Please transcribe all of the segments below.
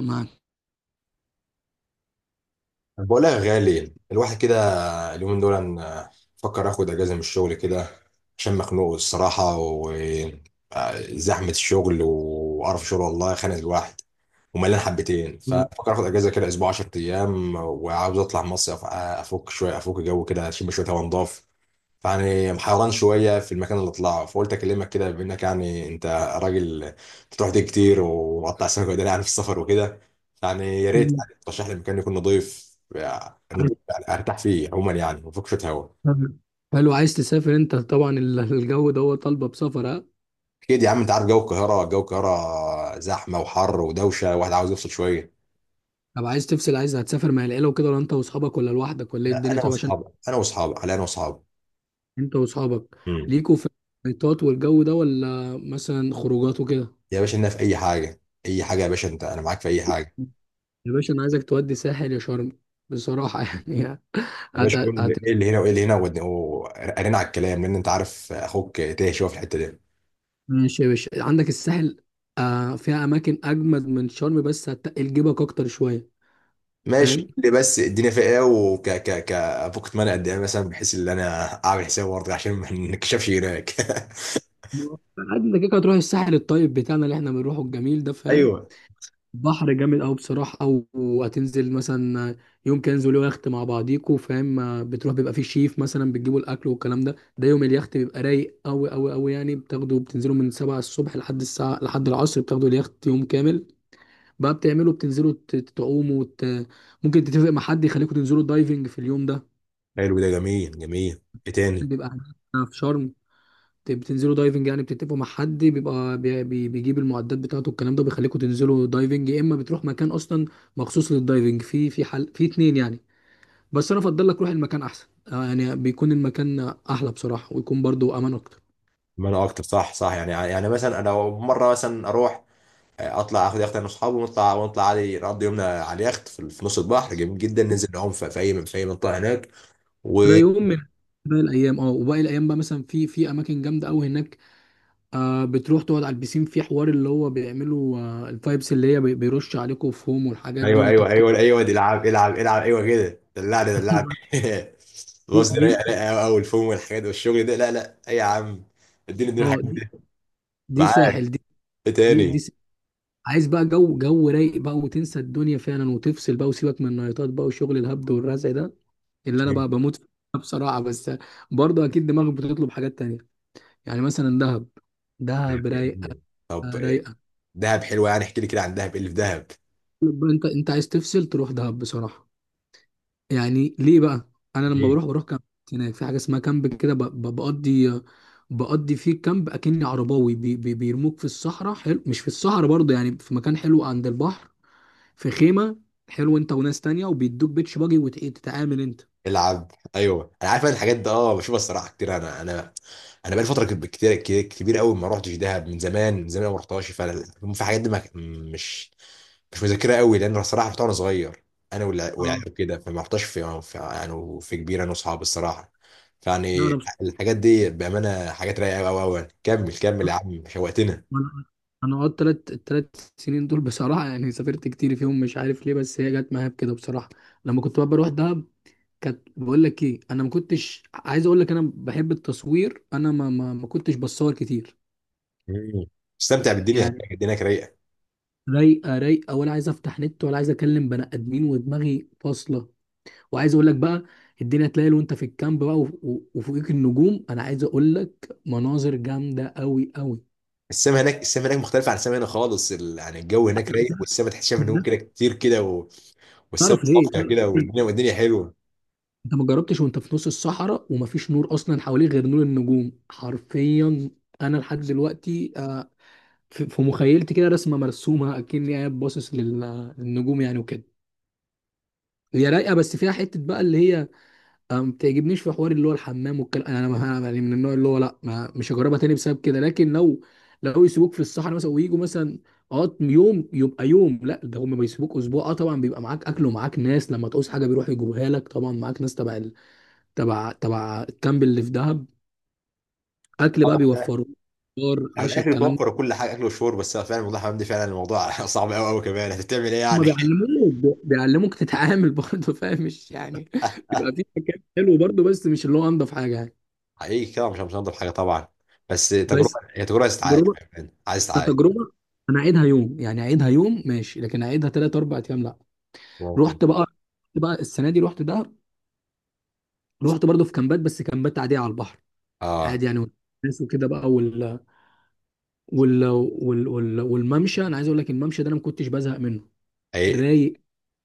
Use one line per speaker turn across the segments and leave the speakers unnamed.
مع-
بقولها يا غالي الواحد كده، اليومين دول أنا بفكر اخد اجازه من الشغل كده، عشان مخنوق الصراحه وزحمه الشغل وقرف شغل والله خانق الواحد وملان حبتين. فبفكر اخد اجازه كده اسبوع 10 ايام، وعاوز اطلع مصيف، افك شويه، افك جو كده، اشم شويه هوا نضاف. فيعني محيران شويه في المكان اللي اطلعه، فقلت اكلمك كده بما انك يعني انت راجل بتروح دي كتير وقطع سمك وداني يعني في السفر وكده. يعني يا ريت
مم.
يعني ترشح لي مكان يكون نظيف، يعني
عارف-
نظيف يعني ارتاح فيه عموما، يعني وفك شويه هوا.
حلو، عايز تسافر انت طبعا الجو ده هو طالبه بسفر ها.
اكيد يا عم، انت عارف جو القاهره، جو القاهره زحمه وحر ودوشه، واحد عاوز يفصل شويه.
طب عايز تفصل، عايز هتسافر مع العيله وكده ولا انت واصحابك ولا لوحدك ولا ايه
لا
الدنيا؟
انا
طب عشان
واصحابي، انا واصحابي، على انا واصحابي.
انت واصحابك،
امم.
ليكوا في الخيطات والجو ده ولا مثلا خروجات وكده؟
يا باشا لنا في اي حاجه، اي حاجه يا باشا، انت انا معاك في اي حاجه.
يا باشا انا عايزك تودي ساحل يا شرم بصراحه يعني.
يا
هت...
باشا قول لي
هت...
ايه اللي هنا وايه اللي هنا، وقرينا على الكلام، لان انت عارف اخوك تايه شويه في الحته دي.
ماشي يا باشا، عندك الساحل، آه فيها اماكن اجمد من شرم بس هتقل جيبك اكتر شويه،
ماشي،
فاهم؟
قول لي بس الدنيا فيها ايه، وك ك ك ابوك اتمنى قد ايه مثلا، بحيث ان انا اعمل حساب برضه عشان ما نكشفش هناك.
عادي انت كده كده هتروح الساحل الطيب بتاعنا اللي احنا بنروحه الجميل ده، فاهم؟
ايوه.
بحر جامد قوي بصراحه. او هتنزل مثلا يوم كده، انزلوا يخت مع بعضيكوا، فاهم؟ بتروح بيبقى فيه شيف مثلا بتجيبوا الاكل والكلام ده. ده يوم اليخت بيبقى رايق قوي قوي قوي، يعني بتاخدوا بتنزلوا من 7 الصبح لحد الساعه لحد العصر، بتاخدوا اليخت يوم كامل. بقى بتعملوا بتنزلوا تعوموا ممكن تتفق مع حد يخليكوا تنزلوا دايفنج في اليوم ده.
حلو، ده جميل جميل، ايه تاني؟
بيبقى هناك في شرم بتنزلوا دايفنج، يعني بتتفقوا مع حد بيبقى بيجيب المعدات بتاعته الكلام ده، بيخليكم تنزلوا دايفنج، يا اما بتروح مكان اصلا مخصوص للدايفنج، في في حل في اتنين يعني. بس انا افضل لك روح المكان احسن، آه، يعني بيكون المكان احلى بصراحه ويكون برضو امان اكتر.
ما انا اكتر، صح صح، يعني مثلا انا مره مثلا اروح اطلع اخد يخت انا واصحابي، ونطلع ونطلع عادي، نقضي يومنا على اليخت في نص البحر جميل جدا، ننزل نعوم في اي منطقه هناك و...
ده يوم من باقي الايام، اه وباقي الايام بقى مثلا في في اماكن جامده قوي هناك. آه بتروح تقعد على البيسين في حوار اللي هو بيعملوا آه الفايبس اللي هي بيرش عليكم فوم والحاجات دي
ايوه
وانت
ايوه ايوه ايوه، دي العب العب العب، ايوه كده دلعني دلعني.
دي
الوصل دي
دي،
رايقه رايقه قوي قوي، الفوم والحاجات والشغل ده، لا لا اي يا عم، اديني اديني
اه
الحاجات
دي،
دي.
دي
معاك،
ساحل دي.
ايه
دي دي
تاني؟
عايز بقى جو جو رايق بقى وتنسى الدنيا فعلا وتفصل بقى وسيبك من النايتات بقى وشغل الهبد والرزع ده اللي انا بقى بموت فيه بصراحه. بس برضه اكيد دماغك بتطلب حاجات تانية، يعني مثلا دهب. دهب رايقه،
طب إيه؟
رايقه.
دهب حلوه، يعني احكي لي كده عن دهب، ايه اللي في دهب؟
طيب بقى انت انت عايز تفصل تروح دهب بصراحه؟ يعني ليه بقى؟ انا لما
إيه؟
بروح بروح كامب. هناك في حاجه اسمها كامب كده بقضي، بقضي فيه كامب اكني عرباوي بي بي بيرموك في الصحراء، حلو. مش في الصحراء برضه، يعني في مكان حلو عند البحر، في خيمه، حلو، انت وناس تانية وبيدوك بيتش باجي وتتعامل انت.
العب، ايوه انا عارف، أنا الحاجات دي اه بشوفها الصراحه كتير. انا انا بقالي فتره كبيره قوي، ما رحتش دهب من زمان، من زمان ما رحتهاش. فانا في حاجات دي، ما مش مش مذاكرها قوي، لان الصراحه رحت وانا صغير، انا
اه،
والعيال كده، فما رحتش في كبير انا واصحابي الصراحه.
لا
فيعني
انا بص...
الحاجات دي بامانه حاجات رايقه قوي قوي قوي. كمل كمل يا عم، شوقتنا.
انا انا قعدت تلات التلات سنين دول بصراحه، يعني سافرت كتير فيهم مش عارف ليه بس هي جت معايا بكده بصراحه. لما كنت بقى بروح دهب كانت، بقول لك ايه، انا ما كنتش عايز اقول لك انا بحب التصوير، انا ما كنتش بصور كتير
مم. استمتع بالدنيا
يعني.
هناك، الدنيا هناك رايقه.
رايقه رايقه، ولا عايز افتح نت ولا عايز اكلم بني ادمين ودماغي فاصله. وعايز اقول لك بقى الدنيا تلاقي وانت في الكامب بقى وفوقيك النجوم، انا عايز اقول لك مناظر جامده قوي قوي.
السما هناك، السما هناك مختلفه عن السما هنا خالص، ال... يعني الجو هناك رايق، والسما تحس شايف نجوم
ده
كده كتير كده، و... والسما
تعرف ليه،
صافيه
تعرف
كده،
ليه؟
والدنيا والدنيا حلوه.
انت ما جربتش وانت في نص الصحراء ومفيش نور اصلا حواليك غير نور النجوم حرفيا. انا لحد دلوقتي آه، في في مخيلتي كده رسمه مرسومه اكني قاعد باصص للنجوم يعني وكده. هي رايقه بس فيها حته بقى اللي هي أنا ما بتعجبنيش في حوار اللي هو الحمام والكلام، انا ما أنا يعني من النوع اللي هو لا ما مش هجربها تاني بسبب كده. لكن لو لو يسيبوك في الصحراء مثلا ويجوا مثلا اه يوم يبقى يوم، لا ده هم بيسيبوك اسبوع، اه طبعا بيبقى معاك اكل ومعاك ناس، لما تعوز حاجه بيروحوا يجيبوها لك، طبعا معاك ناس تبع تبع تبع الكامب اللي في دهب. اكل بقى
آه، فعلا.
بيوفروا فطار
يعني
عشا
الاكل
الكلام ده.
توفر وكل حاجه، اكل وشرب بس فعلا، والله يا حمدي فعلا الموضوع صعب قوي قوي، كمان هتعمل ايه
هم
يعني؟
بيعلموك بيعلموك تتعامل برضه، فاهم مش يعني. بيبقى في مكان حلو برضه بس مش اللي هو انضف حاجه يعني.
حقيقي كده مش هنضيف حاجه طبعا، بس تجربه،
بس
هي تجربه عايز تتعايش،
تجربه،
عايز تتعايش.
كتجربه انا اعيدها يوم يعني، اعيدها يوم ماشي، لكن اعيدها ثلاث اربع ايام لا.
ممكن.
رحت بقى، رحت بقى السنه دي رحت دهب، رحت برضه في كامبات بس كامبات عاديه على البحر.
اه
عادي يعني والناس وكده بقى والممشى، انا عايز اقول لك الممشى ده انا ما كنتش بزهق منه.
حقيقي
رايق،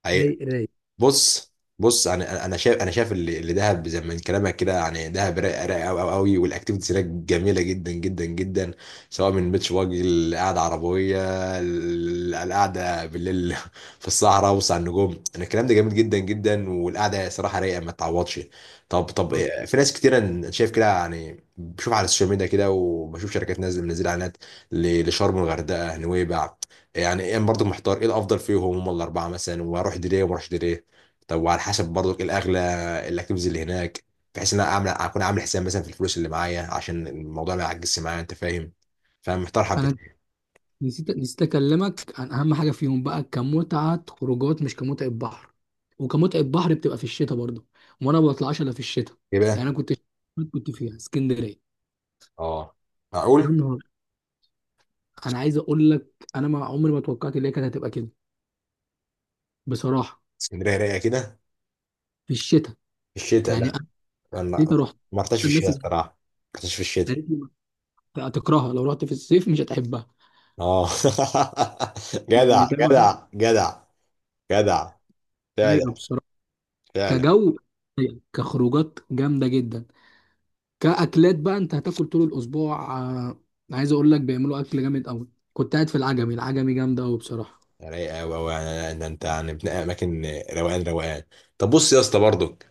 حقيقي.
رايق رايق.
بص بص، انا شايف اللي دهب زي ما من كلامك كده، يعني دهب رايق رايق قوي قوي قوي، والاكتيفيتيز هناك جميله جدا جدا جدا، سواء من بيتش باجي، القعده عربيه، ال- القعده بالليل في الصحراء وسط على النجوم، انا الكلام ده جميل جدا جدا، والقعده صراحه رايقه ما تعوضش. طب إيه، في ناس كتير أنا شايف كده، يعني بشوف على السوشيال ميديا كده، وبشوف شركات نازله منزله اعلانات لشرم الغردقه نويبع، يعني ايه برضه، محتار ايه الافضل فيهم، هم الاربعه مثلا، واروح دي ليه وما اروحش دي ليه؟ طب وعلى حسب برضك ايه الاغلى الاكتيفيتيز اللي هناك، بحيث ان انا اعمل اكون عامل حساب مثلا في الفلوس اللي معايا عشان الموضوع ما يعجزش معايا، انت فاهم؟ فمحتار
انا
حبتين.
نسيت، نسيت اكلمك عن اهم حاجه فيهم بقى كمتعه خروجات مش كمتعه بحر، وكمتعه بحر بتبقى في الشتاء برضه، وانا ما بطلعش الا في الشتاء.
ايه
يعني
بقى؟
انا كنت، كنت فيها اسكندريه.
اه
يا
معقول،
نهار، انا عايز اقول لك انا ما عمري ما توقعت ان هي كانت هتبقى كده بصراحه.
اسكندريه رايقه كده؟
في الشتاء،
في الشتاء،
يعني
لا
انا
انا
جيت
ما
رحت،
ما رحتش في
الناس
الشتاء،
اللي
الصراحه ما رحتش في الشتاء.
قالت لي هتكرهها لو رحت في الصيف مش هتحبها،
اه.
يعني
جدع
فاهم أنا؟
جدع جدع جدع.
رايقه
فعلا.
بصراحه،
فعلا.
كجو رايقة. كخروجات جامده جدا. كاكلات بقى انت هتاكل طول الاسبوع، آه، عايز اقول لك بيعملوا اكل جامد قوي. كنت قاعد في العجمي، العجمي جامده قوي بصراحه.
رايقه قوي قوي، يعني ان انت يعني بتنقي اماكن. روقان روقان. طب بص يا اسطى برضك،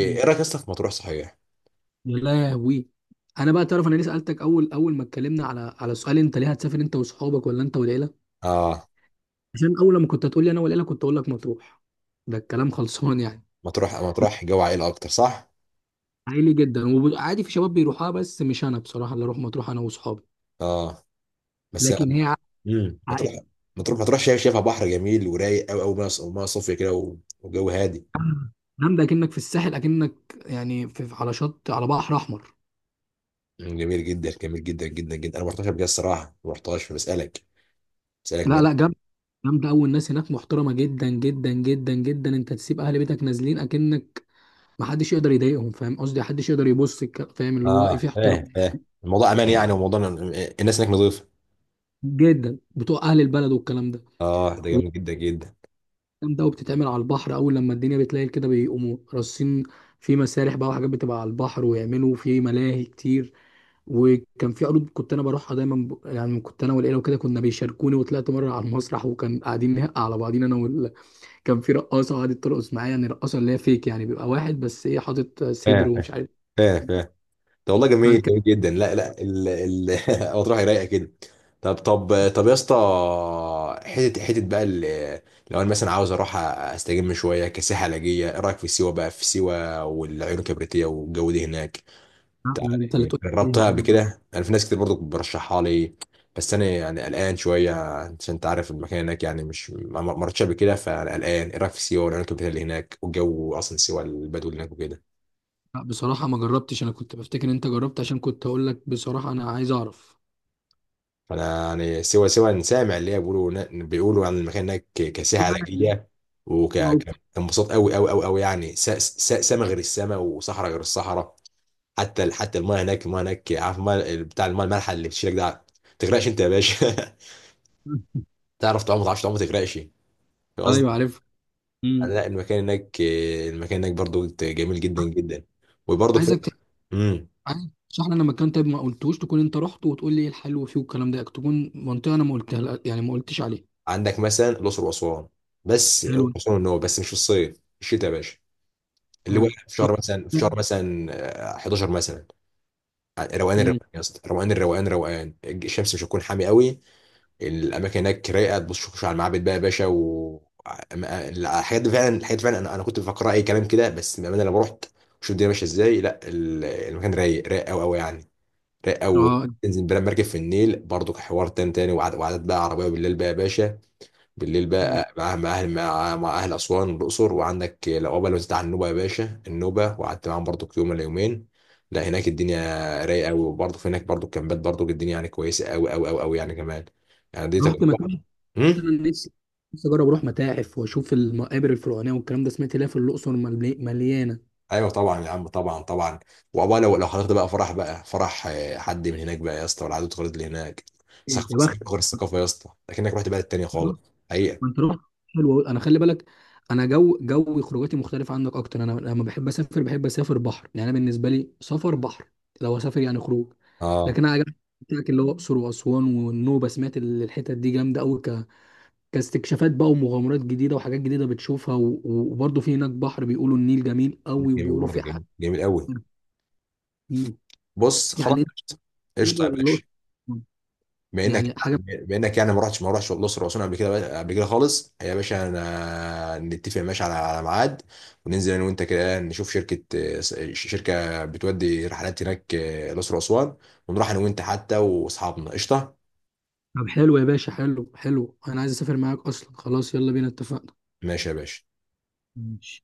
مم.
رايك يا اسطى في مطروح صحيح؟
يا لهوي. انا بقى تعرف انا ليه سالتك اول اول ما اتكلمنا على على سؤال انت ليه هتسافر انت واصحابك ولا انت والعيله؟
اه
عشان اول لما كنت هتقول لي انا والعيله كنت اقول لك مطروح، ده الكلام خلصان يعني.
مطروح
لا،
مطروح جو عائلة أكتر صح؟
عائلي جدا، وعادي في شباب بيروحوها بس مش انا بصراحه اللي اروح مطروح انا واصحابي.
اه بس.
لكن هي
مطروح.
عائلي.
مطروح مطروح، شايفها بحر جميل ورايق قوي قوي، وميه صافية كده، وجو هادي.
جامده اكنك في الساحل، اكنك يعني في على شط على بحر احمر.
مم، جميل جدا جميل جدا جدا جدا. أنا ما رحتهاش قبل كده الصراحة، ما رحتهاش فبسألك
لا
من...
لا جامده، جامده قوي، الناس هناك محترمه جدا جدا جدا جدا، انت تسيب اهل بيتك نازلين اكنك، ما حدش يقدر يضايقهم فاهم قصدي، حدش يقدر يبص فاهم اللي هو ايه
اه،
في
فاهم
احترام
فاهم. الموضوع أمان يعني، وموضوع الناس هناك نظيفة.
جدا بتوع اهل البلد والكلام ده.
اه، ده جميل جدا جدا.
جامدة أوي بتتعمل على البحر، أول لما الدنيا بتليل كده بيقوموا راصين في مسارح بقى وحاجات بتبقى على البحر ويعملوا في ملاهي كتير. وكان في عروض كنت أنا بروحها دايما يعني كنت أنا والعيلة وكده كنا بيشاركوني، وطلعت مرة على المسرح وكان قاعدين نهق على بعضين أنا كان في رقاصة قعدت ترقص معايا، يعني رقاصة اللي هي فيك يعني بيبقى واحد بس إيه حاطط صدر
فاهم
ومش عارف.
فاهم فاهم. ده والله جميل
كان-
جميل جدا، لا لا، ال ال مطروح رايقه كده. طب يا اسطى، حته حته بقى، لو انا مثلا عاوز اروح استجم شويه كسياحه علاجيه، ايه رايك في سيوه بقى؟ في سيوه والعيون الكبريتيه والجو ده هناك،
أنت اللي تقول لي عليها
جربتها
دي،
قبل
أنا بقى،
كده انا؟ في ناس كتير برضو برشحها لي، بس انا يعني قلقان شويه، عشان انت عارف المكان هناك يعني مش، ما رحتش قبل كده، فانا قلقان. ايه رايك في سيوه والعيون الكبريتيه اللي هناك؟ والجو اصلا سيوه، البدو اللي هناك وكده،
لا بصراحة ما جربتش، أنا كنت بفتكر إن أنت جربت عشان كنت أقول لك بصراحة أنا عايز أعرف.
انا يعني سوى سوى إن سامع اللي هي بيقولوا بيقولوا عن المكان هناك كساحه علاجيه، وكانبساط قوي قوي قوي قوي، يعني سما غير السما، وصحراء غير الصحراء. حتى حتى المايه هناك، المايه هناك عارف المايه بتاع المايه المالحه اللي بتشيلك ده، ما تغرقش انت يا باشا. تعرف تعوم، ما تعرفش تعوم ما تغرقش، فاهم
أيوه
قصدي؟
عارف.
يعني لا المكان هناك، المكان هناك برضو جميل جدا جدا، وبرضو في...
عايزك ت-
امم
عايز تشرح لنا مكان طيب، ما قلتوش تكون انت رحت وتقول لي ايه الحلو فيه والكلام ده، تكون منطقه انا ما قلتها يعني ما قلتش عليها.
عندك مثلا الاقصر واسوان، بس
حلو،
الاقصر واسوان ان هو بس مش في الصيف، في الشتاء يا باشا. اللي هو
حلو،
في
رحت.
شهر مثلا، في شهر مثلا، آه، 11 مثلا. آه، روقان
امم،
الروقان يا اسطى، روقان الروقان، روقان، الشمس مش هتكون حامي قوي، الاماكن هناك رايقه، تبص شوف على المعابد بقى يا باشا و... الحاجات دي فعلا، الحاجات دي فعلا، انا انا كنت بفكر اي كلام كده، بس بامانه لما رحت شوف الدنيا ماشيه ازاي، لا المكان رايق رايق قوي قوي يعني، رايق قوي.
اه.
تنزل بلا مركب في النيل برضو، حوار تاني تاني، وعدد بقى عربيه بالليل بقى يا باشا، بالليل
مم.
بقى مع مع اهل اسوان والاقصر. وعندك العقبه لو بتاع النوبه يا باشا، النوبه وقعدت معاهم برضو يوم ولا يومين. لا هناك الدنيا رايقه قوي، وبرضو في هناك برضو الكامبات، برضو الدنيا يعني كويسه قوي قوي قوي قوي يعني كمان، يعني دي
آه. رحت
تجربه.
مكان.
امم.
انا نفسي، نفسي اجرب اروح متاحف واشوف المقابر الفرعونيه والكلام ده، سمعت ليها في الاقصر مليانه.
ايوه طبعا يا عم، طبعا طبعا. وعقبال لو حضرت بقى فرح، بقى فرح آه، حد من هناك بقى يا اسطى، والعادات والتقاليد اللي هناك
إيه،
ثقافه،
يا بخت
ثقافة غير الثقافه يا اسطى، لكنك رحت بلد تانيه خالص. حقيقه.
انت رحت. حلو أوي. انا خلي بالك، انا جو جو خروجاتي مختلفه عنك، اكتر انا لما بحب اسافر بحب اسافر بحر، يعني انا بالنسبه لي سفر بحر لو اسافر يعني خروج.
اه
لكن انا عجبني بتاعك اللي هو الاقصر واسوان والنوبه، سمعت الحتت دي جامده قوي كاستكشافات بقى ومغامرات جديده وحاجات جديده بتشوفها وبرضه في هناك بحر بيقولوا النيل جميل قوي
جميل
وبيقولوا
برضه،
في حاجات
جميل جميل قوي.
كتير.
بص خلاص
يعني إنت
قشطه. قشطة
النوبة
يا
ولا
باشا،
الاقصر؟
بما انك
يعني حاجه.
بما انك يعني ما رحتش، ما رحتش الاقصر واسوان قبل كده، قبل كده خالص يا باشا، انا نتفق ماشي على ميعاد، وننزل انا وانت كده نشوف شركه بتودي رحلات هناك آه، الاقصر واسوان، ونروح انا وانت حتى واصحابنا. قشطه.
طب حلو يا باشا، حلو حلو، انا عايز اسافر معاك اصلا، خلاص يلا بينا اتفقنا.
ماشي يا باشا.
ماشي.